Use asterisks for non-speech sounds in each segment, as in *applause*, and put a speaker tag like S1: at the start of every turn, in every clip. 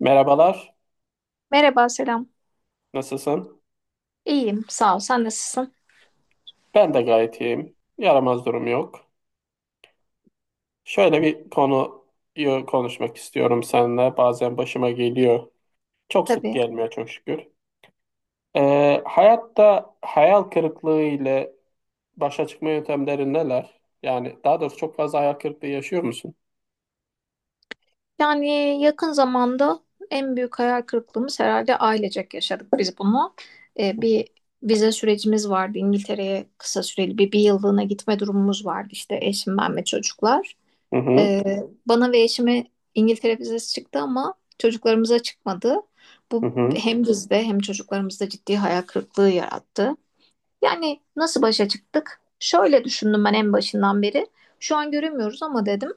S1: Merhabalar,
S2: Merhaba, selam.
S1: nasılsın?
S2: İyiyim, sağ ol. Sen nasılsın?
S1: Ben de gayet iyiyim. Yaramaz durum yok. Şöyle bir konuyu konuşmak istiyorum seninle. Bazen başıma geliyor. Çok sık
S2: Tabii.
S1: gelmiyor çok şükür. Hayatta hayal kırıklığı ile başa çıkma yöntemleri neler? Yani daha doğrusu çok fazla hayal kırıklığı yaşıyor musun?
S2: Yani yakın zamanda en büyük hayal kırıklığımız herhalde ailecek yaşadık biz bunu. Bir vize sürecimiz vardı. İngiltere'ye kısa süreli bir yıllığına gitme durumumuz vardı. İşte eşim, ben ve çocuklar.
S1: Hı hı,
S2: Ee, Bana ve eşime İngiltere vizesi çıktı ama çocuklarımıza çıkmadı.
S1: hı
S2: Bu
S1: hı,
S2: hem bizde hem çocuklarımızda ciddi hayal kırıklığı yarattı. Yani nasıl başa çıktık? Şöyle düşündüm ben en başından beri. Şu an göremiyoruz ama dedim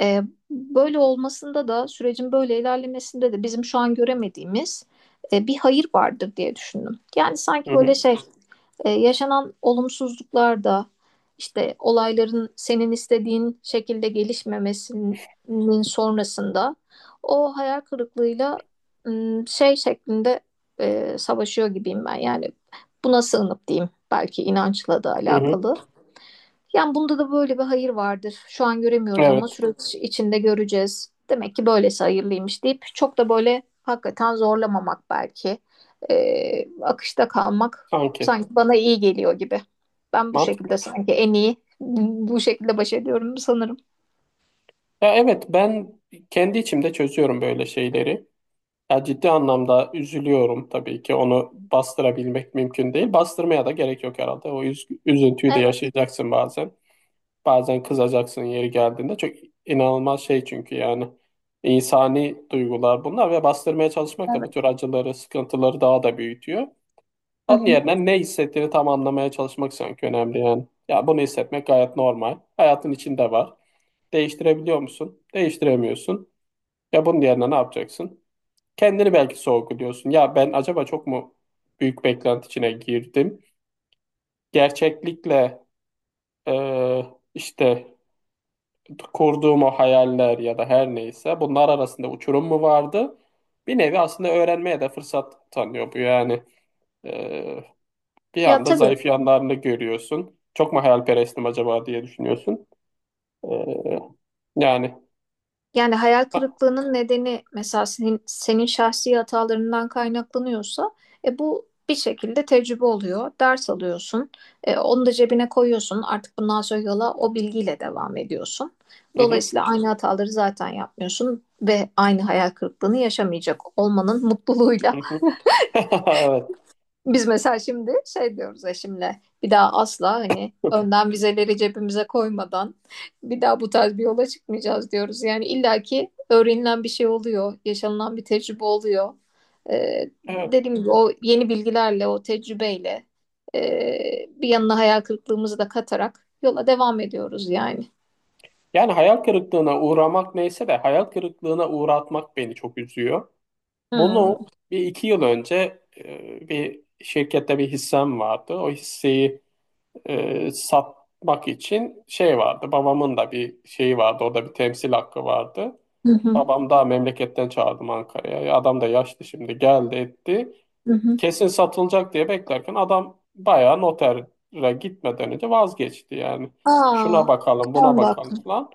S2: e, böyle olmasında da sürecin böyle ilerlemesinde de bizim şu an göremediğimiz bir hayır vardır diye düşündüm. Yani sanki
S1: hı hı,
S2: böyle yaşanan olumsuzluklar da işte olayların senin istediğin şekilde gelişmemesinin sonrasında o hayal kırıklığıyla şey şeklinde savaşıyor gibiyim ben. Yani buna sığınıp diyeyim belki inançla da
S1: hı hı.
S2: alakalı. Yani bunda da böyle bir hayır vardır. Şu an göremiyoruz ama
S1: Evet,
S2: süreç içinde göreceğiz. Demek ki böylesi hayırlıymış deyip çok da böyle hakikaten zorlamamak belki. Akışta kalmak
S1: sanki.
S2: sanki bana iyi geliyor gibi. Ben bu
S1: Mantıklı.
S2: şekilde sanki en iyi bu şekilde baş ediyorum sanırım.
S1: Ya evet, ben kendi içimde çözüyorum böyle şeyleri. Ya ciddi anlamda üzülüyorum tabii ki. Onu bastırabilmek mümkün değil. Bastırmaya da gerek yok herhalde. O üzüntüyü de
S2: Evet,
S1: yaşayacaksın bazen. Bazen kızacaksın yeri geldiğinde. Çok inanılmaz şey çünkü yani. İnsani duygular bunlar ve bastırmaya çalışmak da bu tür
S2: evet.
S1: acıları, sıkıntıları daha da büyütüyor.
S2: Hı
S1: Onun
S2: hı.
S1: yerine ne hissettiğini tam anlamaya çalışmak sanki önemli yani. Ya bunu hissetmek gayet normal. Hayatın içinde var. Değiştirebiliyor musun? Değiştiremiyorsun. Ya bunun yerine ne yapacaksın? Kendini belki sorguluyorsun. Ya ben acaba çok mu büyük beklenti içine girdim? Gerçeklikle e, işte kurduğum o hayaller ya da her neyse bunlar arasında uçurum mu vardı? Bir nevi aslında öğrenmeye de fırsat tanıyor bu yani. E, Bir
S2: Ya
S1: anda
S2: tabii.
S1: zayıf yanlarını görüyorsun. Çok mu hayalperestim acaba diye düşünüyorsun. E, Yani.
S2: Yani hayal
S1: Ha,
S2: kırıklığının nedeni mesela senin şahsi hatalarından kaynaklanıyorsa bu bir şekilde tecrübe oluyor. Ders alıyorsun. Onu da cebine koyuyorsun. Artık bundan sonra yola o bilgiyle devam ediyorsun.
S1: hı hı,
S2: Dolayısıyla aynı hataları zaten yapmıyorsun ve aynı hayal kırıklığını yaşamayacak olmanın
S1: hı
S2: mutluluğuyla
S1: hı. *laughs* Evet,
S2: biz mesela şimdi şey diyoruz eşimle bir daha asla hani önden vizeleri cebimize koymadan bir daha bu tarz bir yola çıkmayacağız diyoruz. Yani illaki öğrenilen bir şey oluyor, yaşanılan bir tecrübe oluyor.
S1: evet.
S2: Dediğim gibi o yeni bilgilerle, o tecrübeyle bir yanına hayal kırıklığımızı da katarak yola devam ediyoruz yani.
S1: Yani hayal kırıklığına uğramak neyse de hayal kırıklığına uğratmak beni çok üzüyor.
S2: Hmm.
S1: Bunu bir iki yıl önce bir şirkette bir hissem vardı. O hisseyi satmak için şey vardı. Babamın da bir şeyi vardı. Orada bir temsil hakkı vardı.
S2: Hı hı.
S1: Babam daha memleketten çağırdım Ankara'ya. Adam da yaşlı şimdi geldi etti.
S2: Hı hı.
S1: Kesin satılacak diye beklerken adam bayağı notere gitmeden önce vazgeçti yani.
S2: Aa,
S1: Şuna bakalım
S2: 10
S1: buna
S2: dakika.
S1: bakalım falan.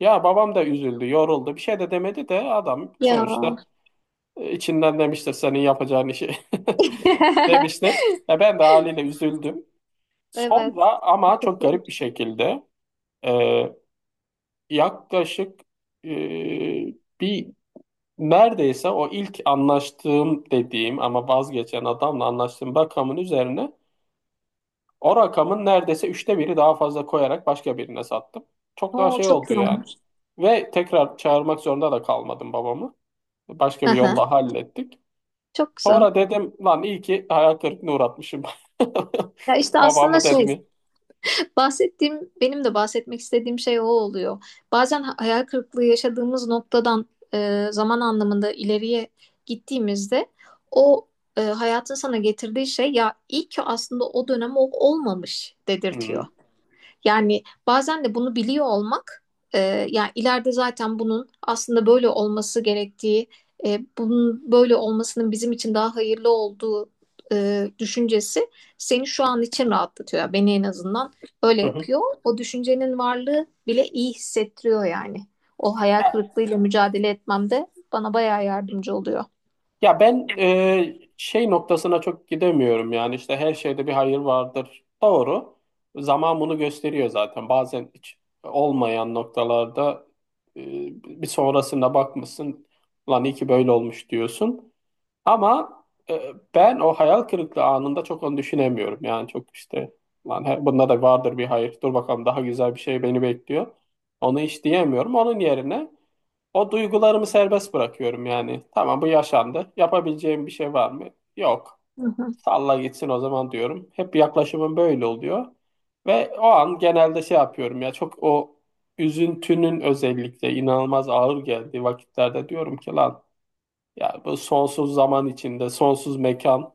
S1: Ya babam da üzüldü yoruldu bir şey de demedi de adam
S2: Ya.
S1: sonuçta İçinden demiştir senin yapacağın işi *laughs*
S2: *laughs*
S1: demiştir. Ya ben de haliyle üzüldüm.
S2: Evet.
S1: Sonra ama çok garip bir şekilde e, yaklaşık e, bir neredeyse o ilk anlaştığım dediğim ama vazgeçen adamla anlaştığım rakamın üzerine o rakamın neredeyse üçte biri daha fazla koyarak başka birine sattım. Çok daha
S2: Oo,
S1: şey
S2: çok
S1: oldu
S2: iyi.
S1: yani. Ve tekrar çağırmak zorunda da kalmadım babamı. Başka
S2: Hı
S1: bir
S2: hı.
S1: yolla hallettik.
S2: Çok güzel.
S1: Sonra dedim lan iyi ki hayal kırıklığına uğratmışım.
S2: Ya işte
S1: *laughs*
S2: aslında
S1: Babamı
S2: şey
S1: dedim ya.
S2: bahsettiğim benim de bahsetmek istediğim şey o oluyor. Bazen hayal kırıklığı yaşadığımız noktadan zaman anlamında ileriye gittiğimizde o hayatın sana getirdiği şey ya iyi ki aslında o dönem o olmamış
S1: Hı
S2: dedirtiyor.
S1: hı.
S2: Yani bazen de bunu biliyor olmak, yani ileride zaten bunun aslında böyle olması gerektiği, bunun böyle olmasının bizim için daha hayırlı olduğu düşüncesi seni şu an için rahatlatıyor. Yani beni en azından öyle
S1: Hı hı.
S2: yapıyor. O düşüncenin varlığı bile iyi hissettiriyor yani. O hayal
S1: Ya,
S2: kırıklığıyla mücadele etmemde bana bayağı yardımcı oluyor.
S1: ya ben şey noktasına çok gidemiyorum yani işte her şeyde bir hayır vardır. Doğru. Zaman bunu gösteriyor zaten. Bazen hiç olmayan noktalarda e, bir sonrasına bakmışsın. Lan iyi ki böyle olmuş diyorsun. Ama ben o hayal kırıklığı anında çok onu düşünemiyorum. Yani çok işte lan bunda da vardır bir hayır. Dur bakalım daha güzel bir şey beni bekliyor. Onu hiç diyemiyorum. Onun yerine o duygularımı serbest bırakıyorum yani. Tamam bu yaşandı. Yapabileceğim bir şey var mı? Yok.
S2: Hı hı.
S1: Salla gitsin o zaman diyorum. Hep yaklaşımım böyle oluyor. Ve o an genelde şey yapıyorum ya çok o üzüntünün özellikle inanılmaz ağır geldiği vakitlerde diyorum ki lan yani bu sonsuz zaman içinde, sonsuz mekan,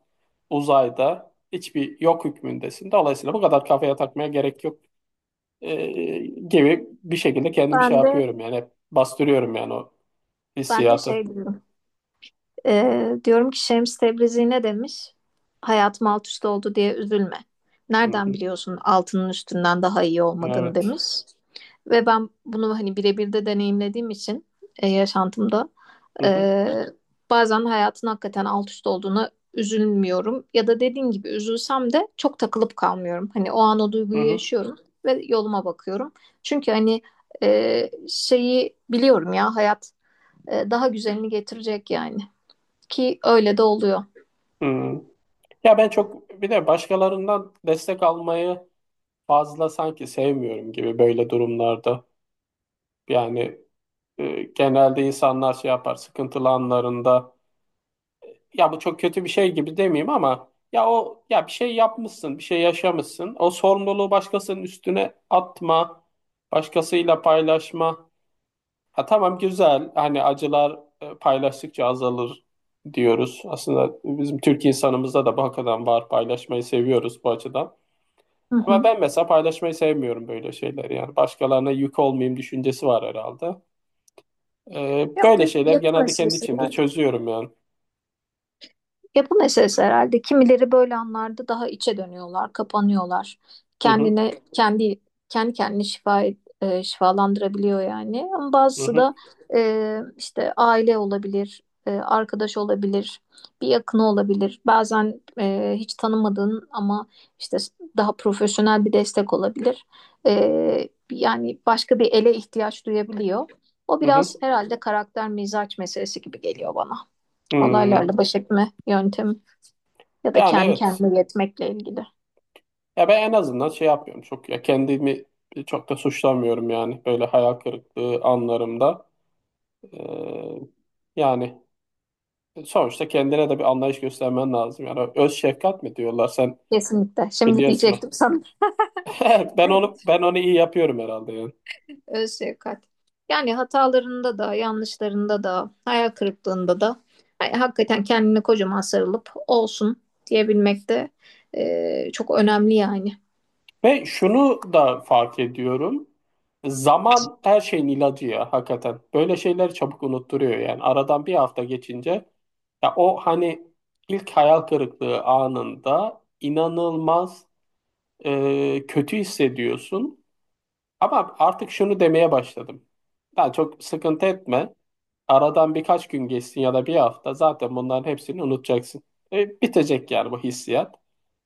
S1: uzayda hiçbir yok hükmündesin. Dolayısıyla bu kadar kafaya takmaya gerek yok ee, gibi bir şekilde kendimi şey
S2: Ben de
S1: yapıyorum yani hep bastırıyorum yani o
S2: ben de şey
S1: hissiyatı.
S2: diyorum. Diyorum ki Şems Tebrizi ne demiş? Hayatım alt üst oldu diye üzülme.
S1: Hı
S2: Nereden
S1: hı.
S2: biliyorsun altının üstünden daha iyi olmadığını
S1: Evet.
S2: demiş. Ve ben bunu hani birebir de deneyimlediğim için yaşantımda
S1: Hı hı.
S2: e, bazen hayatın hakikaten alt üst olduğuna üzülmüyorum. Ya da dediğin gibi üzülsem de çok takılıp kalmıyorum. Hani o an o
S1: Hı
S2: duyguyu
S1: hı.
S2: yaşıyorum ve yoluma bakıyorum. Çünkü hani şeyi biliyorum ya hayat daha güzelini getirecek yani. Ki öyle de oluyor.
S1: Hı. Ya ben çok bir de başkalarından destek almayı fazla sanki sevmiyorum gibi böyle durumlarda. Yani genelde insanlar şey yapar sıkıntılı anlarında ya bu çok kötü bir şey gibi demeyeyim ama ya o ya bir şey yapmışsın, bir şey yaşamışsın. O sorumluluğu başkasının üstüne atma, başkasıyla paylaşma. Ha tamam güzel. Hani acılar paylaştıkça azalır diyoruz. Aslında bizim Türk insanımızda da bu hakikaten var. Paylaşmayı seviyoruz bu açıdan.
S2: Hı
S1: Ama
S2: hı.
S1: ben mesela paylaşmayı sevmiyorum böyle şeyler yani. Başkalarına yük olmayayım düşüncesi var herhalde.
S2: Ya o da
S1: Böyle şeyler
S2: yapı
S1: genelde kendi
S2: meselesi
S1: içimde
S2: var.
S1: çözüyorum yani.
S2: Ya bu meselesi herhalde kimileri böyle anlarda daha içe dönüyorlar, kapanıyorlar.
S1: Hı hı,
S2: Kendine kendi kendi kendini şifa şifalandırabiliyor yani. Ama
S1: hı
S2: bazısı
S1: hı,
S2: da işte aile olabilir, arkadaş olabilir, bir yakını olabilir. Bazen hiç tanımadığın ama işte daha profesyonel bir destek olabilir. Yani başka bir ele ihtiyaç duyabiliyor. O
S1: hı
S2: biraz
S1: hı.
S2: herhalde karakter mizaç meselesi gibi geliyor bana.
S1: Hı.
S2: Olaylarla baş etme yöntemi ya da
S1: Yani
S2: kendi
S1: evet.
S2: kendine yetmekle ilgili.
S1: Ya ben en azından şey yapmıyorum. Çok ya kendimi çok da suçlamıyorum yani böyle hayal kırıklığı anlarımda. Ee, Yani sonuçta kendine de bir anlayış göstermen lazım. Yani öz şefkat mi diyorlar sen
S2: Kesinlikle. Şimdi
S1: biliyorsun o.
S2: diyecektim
S1: *laughs*
S2: sana.
S1: Evet, ben onu
S2: Evet,
S1: ben onu iyi yapıyorum herhalde yani.
S2: öz şefkat. Yani hatalarında da, yanlışlarında da, hayal kırıklığında da yani hakikaten kendine kocaman sarılıp olsun diyebilmek de çok önemli yani.
S1: Ve şunu da fark ediyorum. Zaman her şeyin ilacı ya hakikaten. Böyle şeyler çabuk unutturuyor yani. Aradan bir hafta geçince ya o hani ilk hayal kırıklığı anında inanılmaz kötü hissediyorsun. Ama artık şunu demeye başladım. Ya çok sıkıntı etme. Aradan birkaç gün geçsin ya da bir hafta zaten bunların hepsini unutacaksın. Bitecek yani bu hissiyat.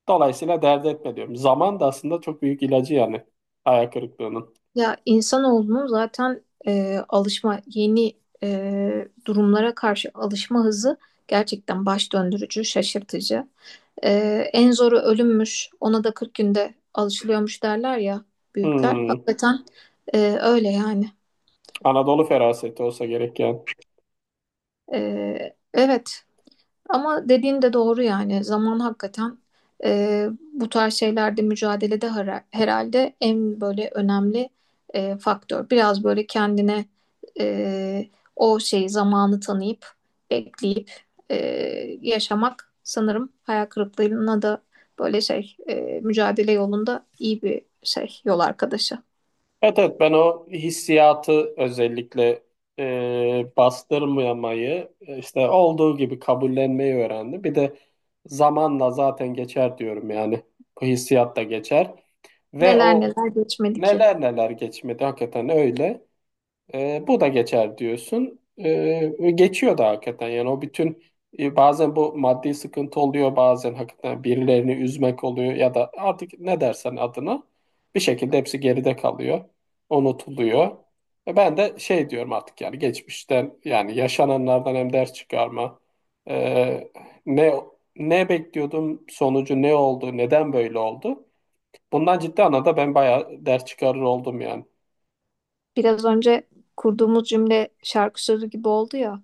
S1: Dolayısıyla dert etme diyorum. Zaman da aslında çok büyük ilacı yani hayal kırıklığının.
S2: Ya insanoğlunun zaten alışma yeni durumlara karşı alışma hızı gerçekten baş döndürücü, şaşırtıcı. E, En zoru ölümmüş, ona da 40 günde alışılıyormuş derler ya büyükler.
S1: Hmm,
S2: Hakikaten öyle yani.
S1: Anadolu feraseti olsa gerek yani.
S2: Evet, ama dediğin de doğru yani zaman hakikaten bu tarz şeylerde mücadelede herhalde en böyle önemli faktör. Biraz böyle kendine e, o şeyi zamanı tanıyıp bekleyip e, yaşamak sanırım hayal kırıklığına da böyle mücadele yolunda iyi bir şey yol arkadaşı.
S1: Evet, evet ben o hissiyatı özellikle bastırmayamayı işte olduğu gibi kabullenmeyi öğrendim. Bir de zamanla zaten geçer diyorum yani bu hissiyat da geçer ve
S2: Neler
S1: o
S2: neler geçmedi ki.
S1: neler neler geçmedi hakikaten öyle. Bu da geçer diyorsun. Ve geçiyor da hakikaten. Yani o bütün bazen bu maddi sıkıntı oluyor, bazen hakikaten birilerini üzmek oluyor ya da artık ne dersen adına bir şekilde hepsi geride kalıyor, unutuluyor. Ben de şey diyorum artık yani geçmişten yani yaşananlardan hem ders çıkarma. E, ne ne bekliyordum sonucu ne oldu, neden böyle oldu? Bundan ciddi anlamda ben bayağı ders çıkarır oldum yani.
S2: Biraz önce kurduğumuz cümle şarkı sözü gibi oldu ya.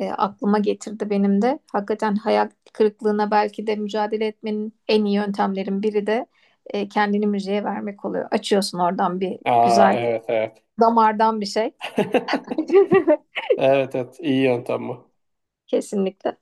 S2: Aklıma getirdi benim de. Hakikaten hayal kırıklığına belki de mücadele etmenin en iyi yöntemlerin biri de kendini müziğe vermek oluyor. Açıyorsun oradan bir
S1: Aa
S2: güzel
S1: evet evet.
S2: damardan bir şey.
S1: *laughs*
S2: *laughs*
S1: Evet evet iyi yöntem bu.
S2: Kesinlikle.